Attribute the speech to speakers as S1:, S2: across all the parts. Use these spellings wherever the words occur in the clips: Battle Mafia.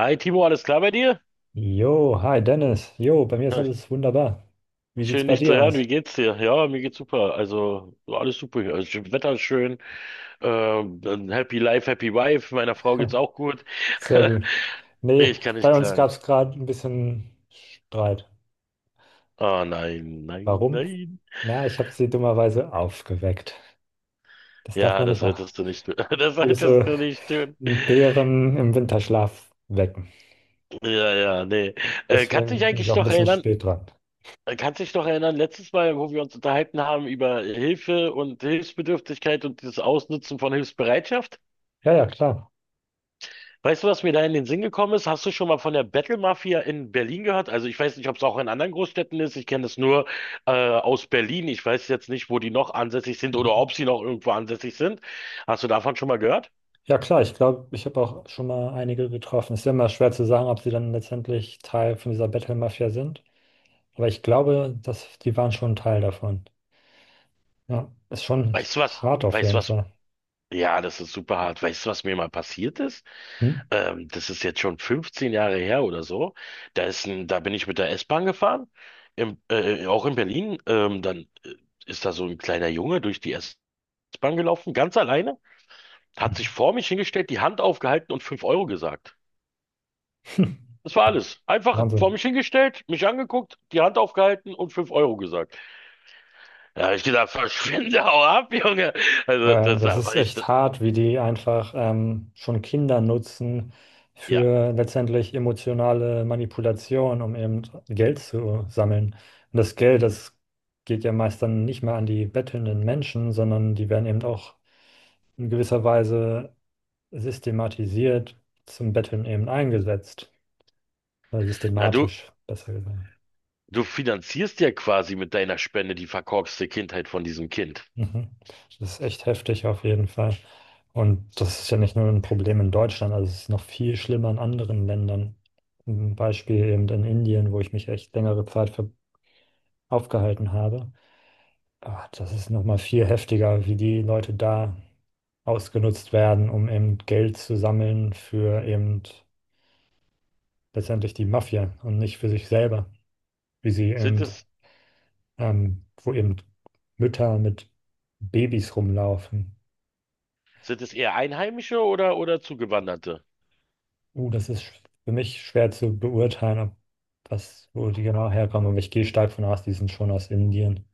S1: Hi Timo, alles klar bei dir?
S2: Jo, hi Dennis. Jo, bei mir ist alles wunderbar. Wie sieht's
S1: Schön
S2: bei
S1: dich zu
S2: dir
S1: hören,
S2: aus?
S1: wie geht's dir? Ja, mir geht's super. Also alles super hier. Also, Wetter ist schön. Dann happy Life, Happy Wife. Meiner Frau geht's auch gut.
S2: Sehr gut. Nee,
S1: Ich kann nicht
S2: bei uns gab
S1: klagen.
S2: es gerade ein bisschen Streit.
S1: Oh nein, nein,
S2: Warum?
S1: nein.
S2: Na, ich habe sie dummerweise aufgeweckt. Das darf
S1: Ja,
S2: man nicht
S1: das
S2: machen.
S1: solltest du nicht tun. Das
S2: Würdest
S1: solltest
S2: du
S1: du nicht tun.
S2: einen Bären im Winterschlaf wecken?
S1: Ja, ja, nee. Kannst dich
S2: Deswegen bin ich
S1: eigentlich
S2: auch ein
S1: noch
S2: bisschen
S1: erinnern?
S2: spät dran.
S1: Kannst dich noch erinnern, letztes Mal, wo wir uns unterhalten haben über Hilfe und Hilfsbedürftigkeit und das Ausnutzen von Hilfsbereitschaft?
S2: Ja, ja, klar.
S1: Weißt du, was mir da in den Sinn gekommen ist? Hast du schon mal von der Battle Mafia in Berlin gehört? Also ich weiß nicht, ob es auch in anderen Großstädten ist. Ich kenne es nur aus Berlin. Ich weiß jetzt nicht, wo die noch ansässig sind oder
S2: Mhm.
S1: ob sie noch irgendwo ansässig sind. Hast du davon schon mal gehört?
S2: Ja, klar, ich glaube, ich habe auch schon mal einige getroffen. Es ist ja immer schwer zu sagen, ob sie dann letztendlich Teil von dieser Battle-Mafia sind. Aber ich glaube, dass die waren schon ein Teil davon. Ja, ist schon
S1: Weißt du was?
S2: hart auf
S1: Weißt du
S2: jeden
S1: was?
S2: Fall.
S1: Ja, das ist super hart. Weißt du, was mir mal passiert ist?
S2: Hm?
S1: Das ist jetzt schon 15 Jahre her oder so. Da bin ich mit der S-Bahn gefahren, auch in Berlin. Dann ist da so ein kleiner Junge durch die S-Bahn gelaufen, ganz alleine. Hat sich vor mich hingestellt, die Hand aufgehalten und 5 Euro gesagt. Das war alles. Einfach vor
S2: Wahnsinn.
S1: mich hingestellt, mich angeguckt, die Hand aufgehalten und 5 Euro gesagt. Da habe ich gedacht, verschwinde, hau ab, Junge. Also, das
S2: Das ist
S1: war ich. Das,
S2: echt hart, wie die einfach schon Kinder nutzen
S1: ja,
S2: für letztendlich emotionale Manipulation, um eben Geld zu sammeln. Und das Geld, das geht ja meist dann nicht mehr an die bettelnden Menschen, sondern die werden eben auch in gewisser Weise systematisiert zum Betteln eben eingesetzt. Oder
S1: na du,
S2: systematisch, besser gesagt.
S1: du finanzierst ja quasi mit deiner Spende die verkorkste Kindheit von diesem Kind.
S2: Mhm. Das ist echt heftig auf jeden Fall. Und das ist ja nicht nur ein Problem in Deutschland, also es ist noch viel schlimmer in anderen Ländern. Ein Beispiel eben in Indien, wo ich mich echt längere Zeit aufgehalten habe. Ah, das ist nochmal viel heftiger, wie die Leute da ausgenutzt werden, um eben Geld zu sammeln für eben letztendlich die Mafia und nicht für sich selber. Wie sie
S1: Sind
S2: eben,
S1: es,
S2: wo eben Mütter mit Babys rumlaufen.
S1: sind es eher Einheimische oder Zugewanderte?
S2: Das ist für mich schwer zu beurteilen, ob was, wo die genau herkommen. Aber ich gehe stark von aus, die sind schon aus Indien.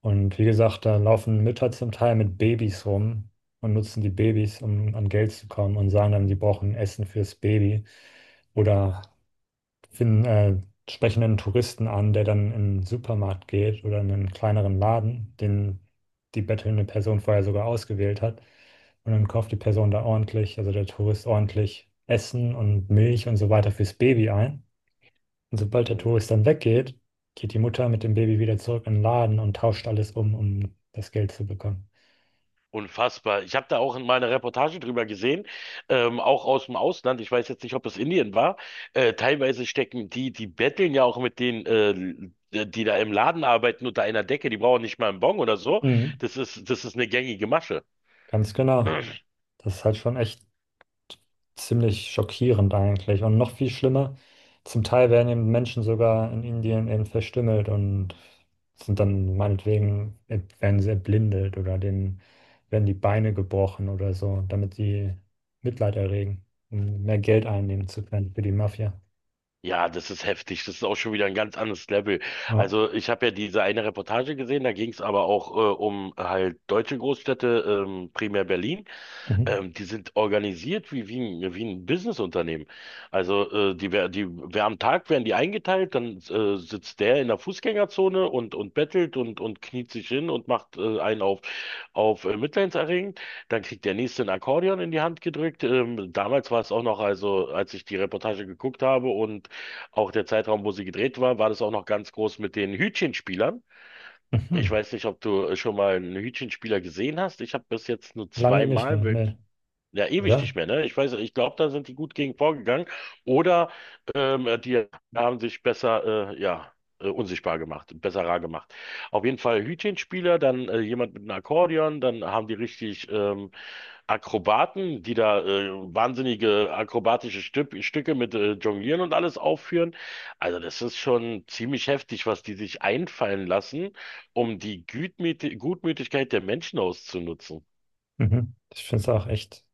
S2: Und wie gesagt, da laufen Mütter zum Teil mit Babys rum und nutzen die Babys, um an Geld zu kommen und sagen dann, die brauchen Essen fürs Baby. Oder finden sprechenden Touristen an, der dann in einen Supermarkt geht oder in einen kleineren Laden, den die bettelnde Person vorher sogar ausgewählt hat. Und dann kauft die Person da ordentlich, also der Tourist ordentlich Essen und Milch und so weiter fürs Baby ein. Und sobald der
S1: Mhm.
S2: Tourist dann weggeht, geht die Mutter mit dem Baby wieder zurück in den Laden und tauscht alles um, um das Geld zu bekommen.
S1: Unfassbar. Ich habe da auch in meiner Reportage drüber gesehen, auch aus dem Ausland. Ich weiß jetzt nicht, ob es Indien war. Teilweise stecken die, die betteln ja auch mit denen, die da im Laden arbeiten unter einer Decke. Die brauchen nicht mal einen Bon oder so.
S2: Mhm,
S1: Das ist eine gängige Masche.
S2: ganz genau. Das ist halt schon echt ziemlich schockierend eigentlich. Und noch viel schlimmer, zum Teil werden eben Menschen sogar in Indien eben verstümmelt und sind dann meinetwegen, werden sie erblindet oder denen werden die Beine gebrochen oder so, damit sie Mitleid erregen, um mehr Geld einnehmen zu können für die Mafia.
S1: Ja, das ist heftig. Das ist auch schon wieder ein ganz anderes Level.
S2: Ja.
S1: Also ich habe ja diese eine Reportage gesehen, da ging es aber auch um halt deutsche Großstädte, primär Berlin.
S2: Mhm.
S1: Die sind organisiert wie ein, wie ein Businessunternehmen. Wer am Tag werden die eingeteilt, dann sitzt der in der Fußgängerzone und bettelt und kniet sich hin und macht einen auf mitleidenserregend. Dann kriegt der nächste ein Akkordeon in die Hand gedrückt. Damals war es auch noch, also als ich die Reportage geguckt habe und auch der Zeitraum, wo sie gedreht war, war das auch noch ganz groß mit den Hütchenspielern. Ich
S2: Mhm.
S1: weiß nicht, ob du schon mal einen Hütchenspieler gesehen hast. Ich habe bis jetzt nur
S2: Lange nicht
S1: zweimal
S2: mehr, ne?
S1: ja, ewig nicht
S2: Oder?
S1: mehr, ne? Ich weiß, ich glaube, da sind die gut gegen vorgegangen. Oder die haben sich unsichtbar gemacht, besser rar gemacht. Auf jeden Fall Hütchenspieler, dann jemand mit einem Akkordeon, dann haben die richtig Akrobaten, die da wahnsinnige akrobatische Stücke mit Jonglieren und alles aufführen. Also das ist schon ziemlich heftig, was die sich einfallen lassen, um die Gutmütigkeit der Menschen auszunutzen.
S2: Mhm. Ich finde es auch echt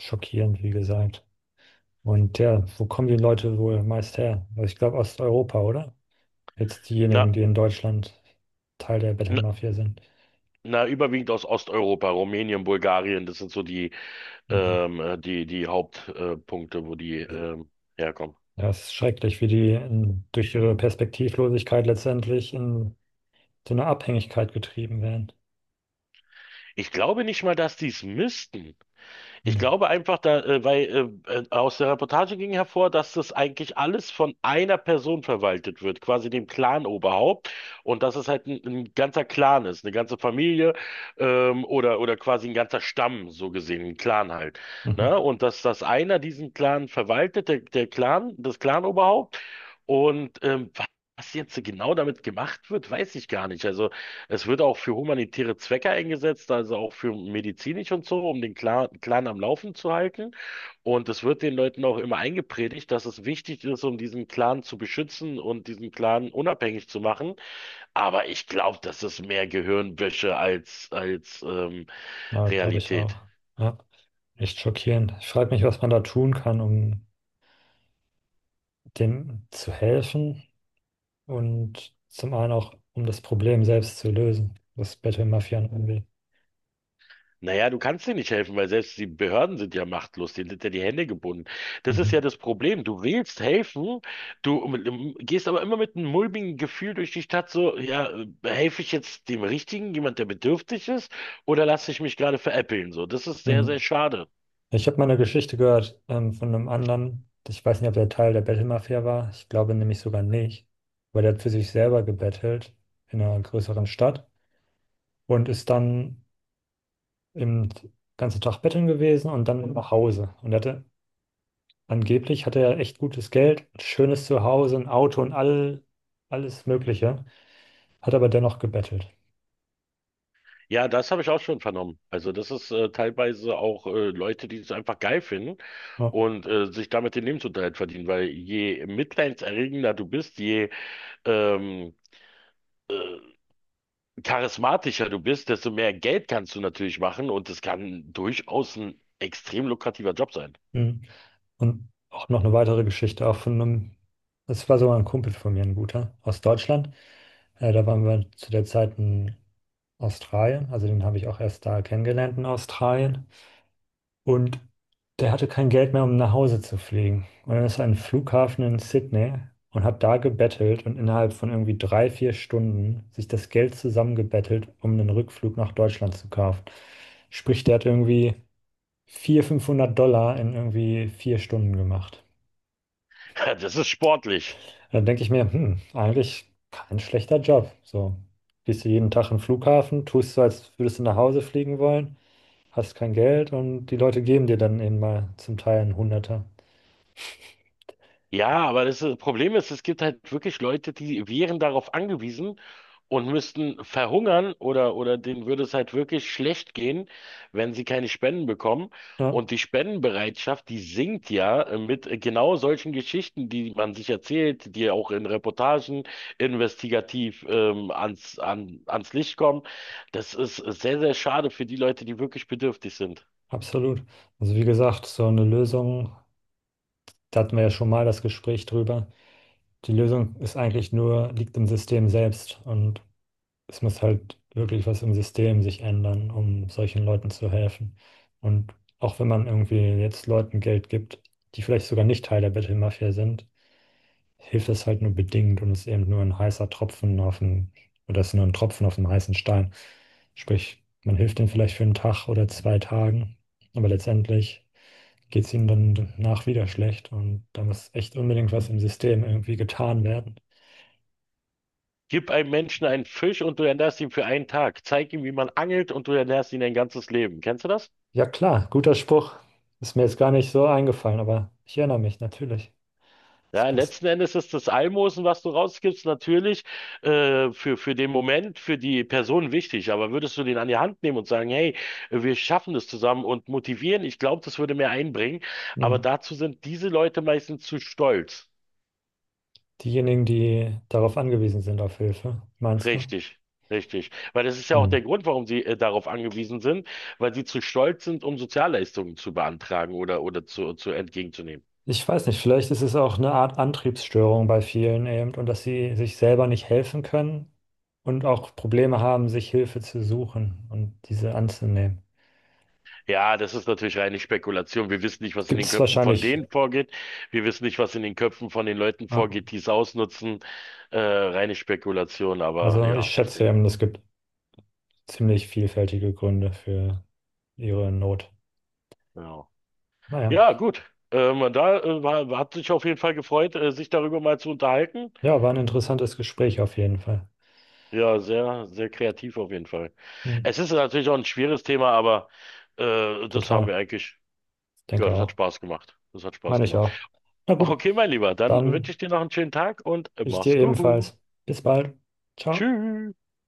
S2: schockierend, wie gesagt. Und ja, wo kommen die Leute wohl meist her? Also ich glaube Osteuropa, oder? Jetzt
S1: Na,
S2: diejenigen, die in Deutschland Teil der Bettelmafia sind.
S1: Überwiegend aus Osteuropa, Rumänien, Bulgarien, das sind so die,
S2: Mhm.
S1: die Punkte, wo die herkommen.
S2: Ja, es ist schrecklich, wie die in, durch ihre Perspektivlosigkeit letztendlich in so eine Abhängigkeit getrieben werden.
S1: Ich glaube nicht mal, dass die es müssten. Ich
S2: Mhm.
S1: glaube einfach, da, weil aus der Reportage ging hervor, dass das eigentlich alles von einer Person verwaltet wird, quasi dem Clan-Oberhaupt. Und dass es halt ein ganzer Clan ist, eine ganze Familie oder quasi ein ganzer Stamm, so gesehen, ein Clan halt. Ne?
S2: Mhm.
S1: Und dass einer diesen Clan verwaltet, der Clan, das Clan-Oberhaupt. Und was jetzt genau damit gemacht wird, weiß ich gar nicht. Also es wird auch für humanitäre Zwecke eingesetzt, also auch für medizinisch und so, um den Clan am Laufen zu halten. Und es wird den Leuten auch immer eingepredigt, dass es wichtig ist, um diesen Clan zu beschützen und diesen Clan unabhängig zu machen. Aber ich glaube, das ist mehr Gehirnwäsche als
S2: Ja, glaube ich
S1: Realität.
S2: auch. Ja, echt schockierend. Ich frage mich, was man da tun kann, um dem zu helfen und zum einen auch, um das Problem selbst zu lösen, das Bettelmafian irgendwie.
S1: Naja, du kannst dir nicht helfen, weil selbst die Behörden sind ja machtlos, denen sind ja die Hände gebunden. Das ist
S2: Mhm.
S1: ja das Problem. Du willst helfen, du gehst aber immer mit einem mulmigen Gefühl durch die Stadt, so, ja, helfe ich jetzt dem Richtigen, jemand, der bedürftig ist, oder lasse ich mich gerade veräppeln? So, das ist sehr, sehr
S2: Mhm.
S1: schade.
S2: Ich habe mal eine Geschichte gehört von einem anderen. Ich weiß nicht, ob der Teil der Bettelmafia war. Ich glaube nämlich sogar nicht. Weil der hat für sich selber gebettelt in einer größeren Stadt und ist dann im ganzen Tag betteln gewesen und dann nach Hause. Und er hatte angeblich hatte er echt gutes Geld, ein schönes Zuhause, ein Auto und alles Mögliche. Hat aber dennoch gebettelt.
S1: Ja, das habe ich auch schon vernommen. Also das ist teilweise auch Leute, die es einfach geil finden
S2: Ja.
S1: und sich damit den Lebensunterhalt verdienen, weil je mitleidserregender du bist, je ähm, charismatischer du bist, desto mehr Geld kannst du natürlich machen und es kann durchaus ein extrem lukrativer Job sein.
S2: Mhm. Und auch noch eine weitere Geschichte, auch von einem, das war sogar ein Kumpel von mir, ein guter, aus Deutschland. Da waren wir zu der Zeit in Australien, also den habe ich auch erst da kennengelernt in Australien. Und der hatte kein Geld mehr, um nach Hause zu fliegen. Und dann ist er an den Flughafen in Sydney und hat da gebettelt und innerhalb von irgendwie 3, 4 Stunden sich das Geld zusammengebettelt, um einen Rückflug nach Deutschland zu kaufen. Sprich, der hat irgendwie 400, 500 Dollar in irgendwie 4 Stunden gemacht.
S1: Das ist sportlich.
S2: Dann denke ich mir, hm, eigentlich kein schlechter Job. So, gehst du jeden Tag im Flughafen, tust so, als würdest du nach Hause fliegen wollen, hast kein Geld und die Leute geben dir dann eben mal zum Teil einen Hunderter.
S1: Ja, aber Problem ist, es gibt halt wirklich Leute, die wären darauf angewiesen, und müssten verhungern oder denen würde es halt wirklich schlecht gehen, wenn sie keine Spenden bekommen.
S2: Ja,
S1: Und die Spendenbereitschaft, die sinkt ja mit genau solchen Geschichten, die man sich erzählt, die auch in Reportagen investigativ ans Licht kommen. Das ist sehr, sehr schade für die Leute, die wirklich bedürftig sind.
S2: absolut. Also wie gesagt, so eine Lösung, da hatten wir ja schon mal das Gespräch drüber. Die Lösung ist eigentlich nur, liegt im System selbst und es muss halt wirklich was im System sich ändern, um solchen Leuten zu helfen. Und auch wenn man irgendwie jetzt Leuten Geld gibt, die vielleicht sogar nicht Teil der Bettelmafia sind, hilft das halt nur bedingt und ist eben nur ein heißer Tropfen auf dem, oder ist nur ein Tropfen auf dem heißen Stein. Sprich, man hilft denen vielleicht für einen Tag oder 2 Tagen, aber letztendlich geht es ihnen dann danach wieder schlecht und da muss echt unbedingt was im System irgendwie getan werden.
S1: Gib einem Menschen einen Fisch und du ernährst ihn für einen Tag. Zeig ihm, wie man angelt und du ernährst ihn ein ganzes Leben. Kennst du das?
S2: Ja klar, guter Spruch. Ist mir jetzt gar nicht so eingefallen, aber ich erinnere mich natürlich. Das
S1: Ja,
S2: passt.
S1: letzten Endes ist das Almosen, was du rausgibst, natürlich für den Moment, für die Person wichtig. Aber würdest du den an die Hand nehmen und sagen, hey, wir schaffen das zusammen und motivieren, ich glaube, das würde mehr einbringen. Aber
S2: Hm.
S1: dazu sind diese Leute meistens zu stolz.
S2: Diejenigen, die darauf angewiesen sind, auf Hilfe, meinst du?
S1: Richtig, richtig. Weil das ist ja auch
S2: Hm.
S1: der Grund, warum sie darauf angewiesen sind, weil sie zu stolz sind, um Sozialleistungen zu beantragen oder zu entgegenzunehmen.
S2: Ich weiß nicht, vielleicht ist es auch eine Art Antriebsstörung bei vielen eben und dass sie sich selber nicht helfen können und auch Probleme haben, sich Hilfe zu suchen und diese anzunehmen.
S1: Ja, das ist natürlich reine Spekulation. Wir wissen nicht, was in
S2: Gibt
S1: den
S2: es
S1: Köpfen von
S2: wahrscheinlich,
S1: denen vorgeht. Wir wissen nicht, was in den Köpfen von den Leuten
S2: ja.
S1: vorgeht, die es ausnutzen. Reine Spekulation, aber
S2: Also ich
S1: ja, ich
S2: schätze
S1: denke,
S2: eben, es gibt ziemlich vielfältige Gründe für ihre Not.
S1: ja.
S2: Naja.
S1: Ja, gut. Hat sich auf jeden Fall gefreut, sich darüber mal zu unterhalten.
S2: Ja, war ein interessantes Gespräch auf jeden Fall.
S1: Ja, sehr, sehr kreativ auf jeden Fall.
S2: Mhm.
S1: Es ist natürlich auch ein schweres Thema, aber das haben
S2: Total,
S1: wir eigentlich, ja,
S2: denke
S1: das hat
S2: auch.
S1: Spaß gemacht. Das hat Spaß
S2: Meine ich
S1: gemacht.
S2: auch. Na gut,
S1: Okay, mein Lieber, dann wünsche
S2: dann
S1: ich dir noch einen schönen Tag und
S2: ich dir
S1: mach's gut.
S2: ebenfalls. Bis bald. Ciao.
S1: Tschüss.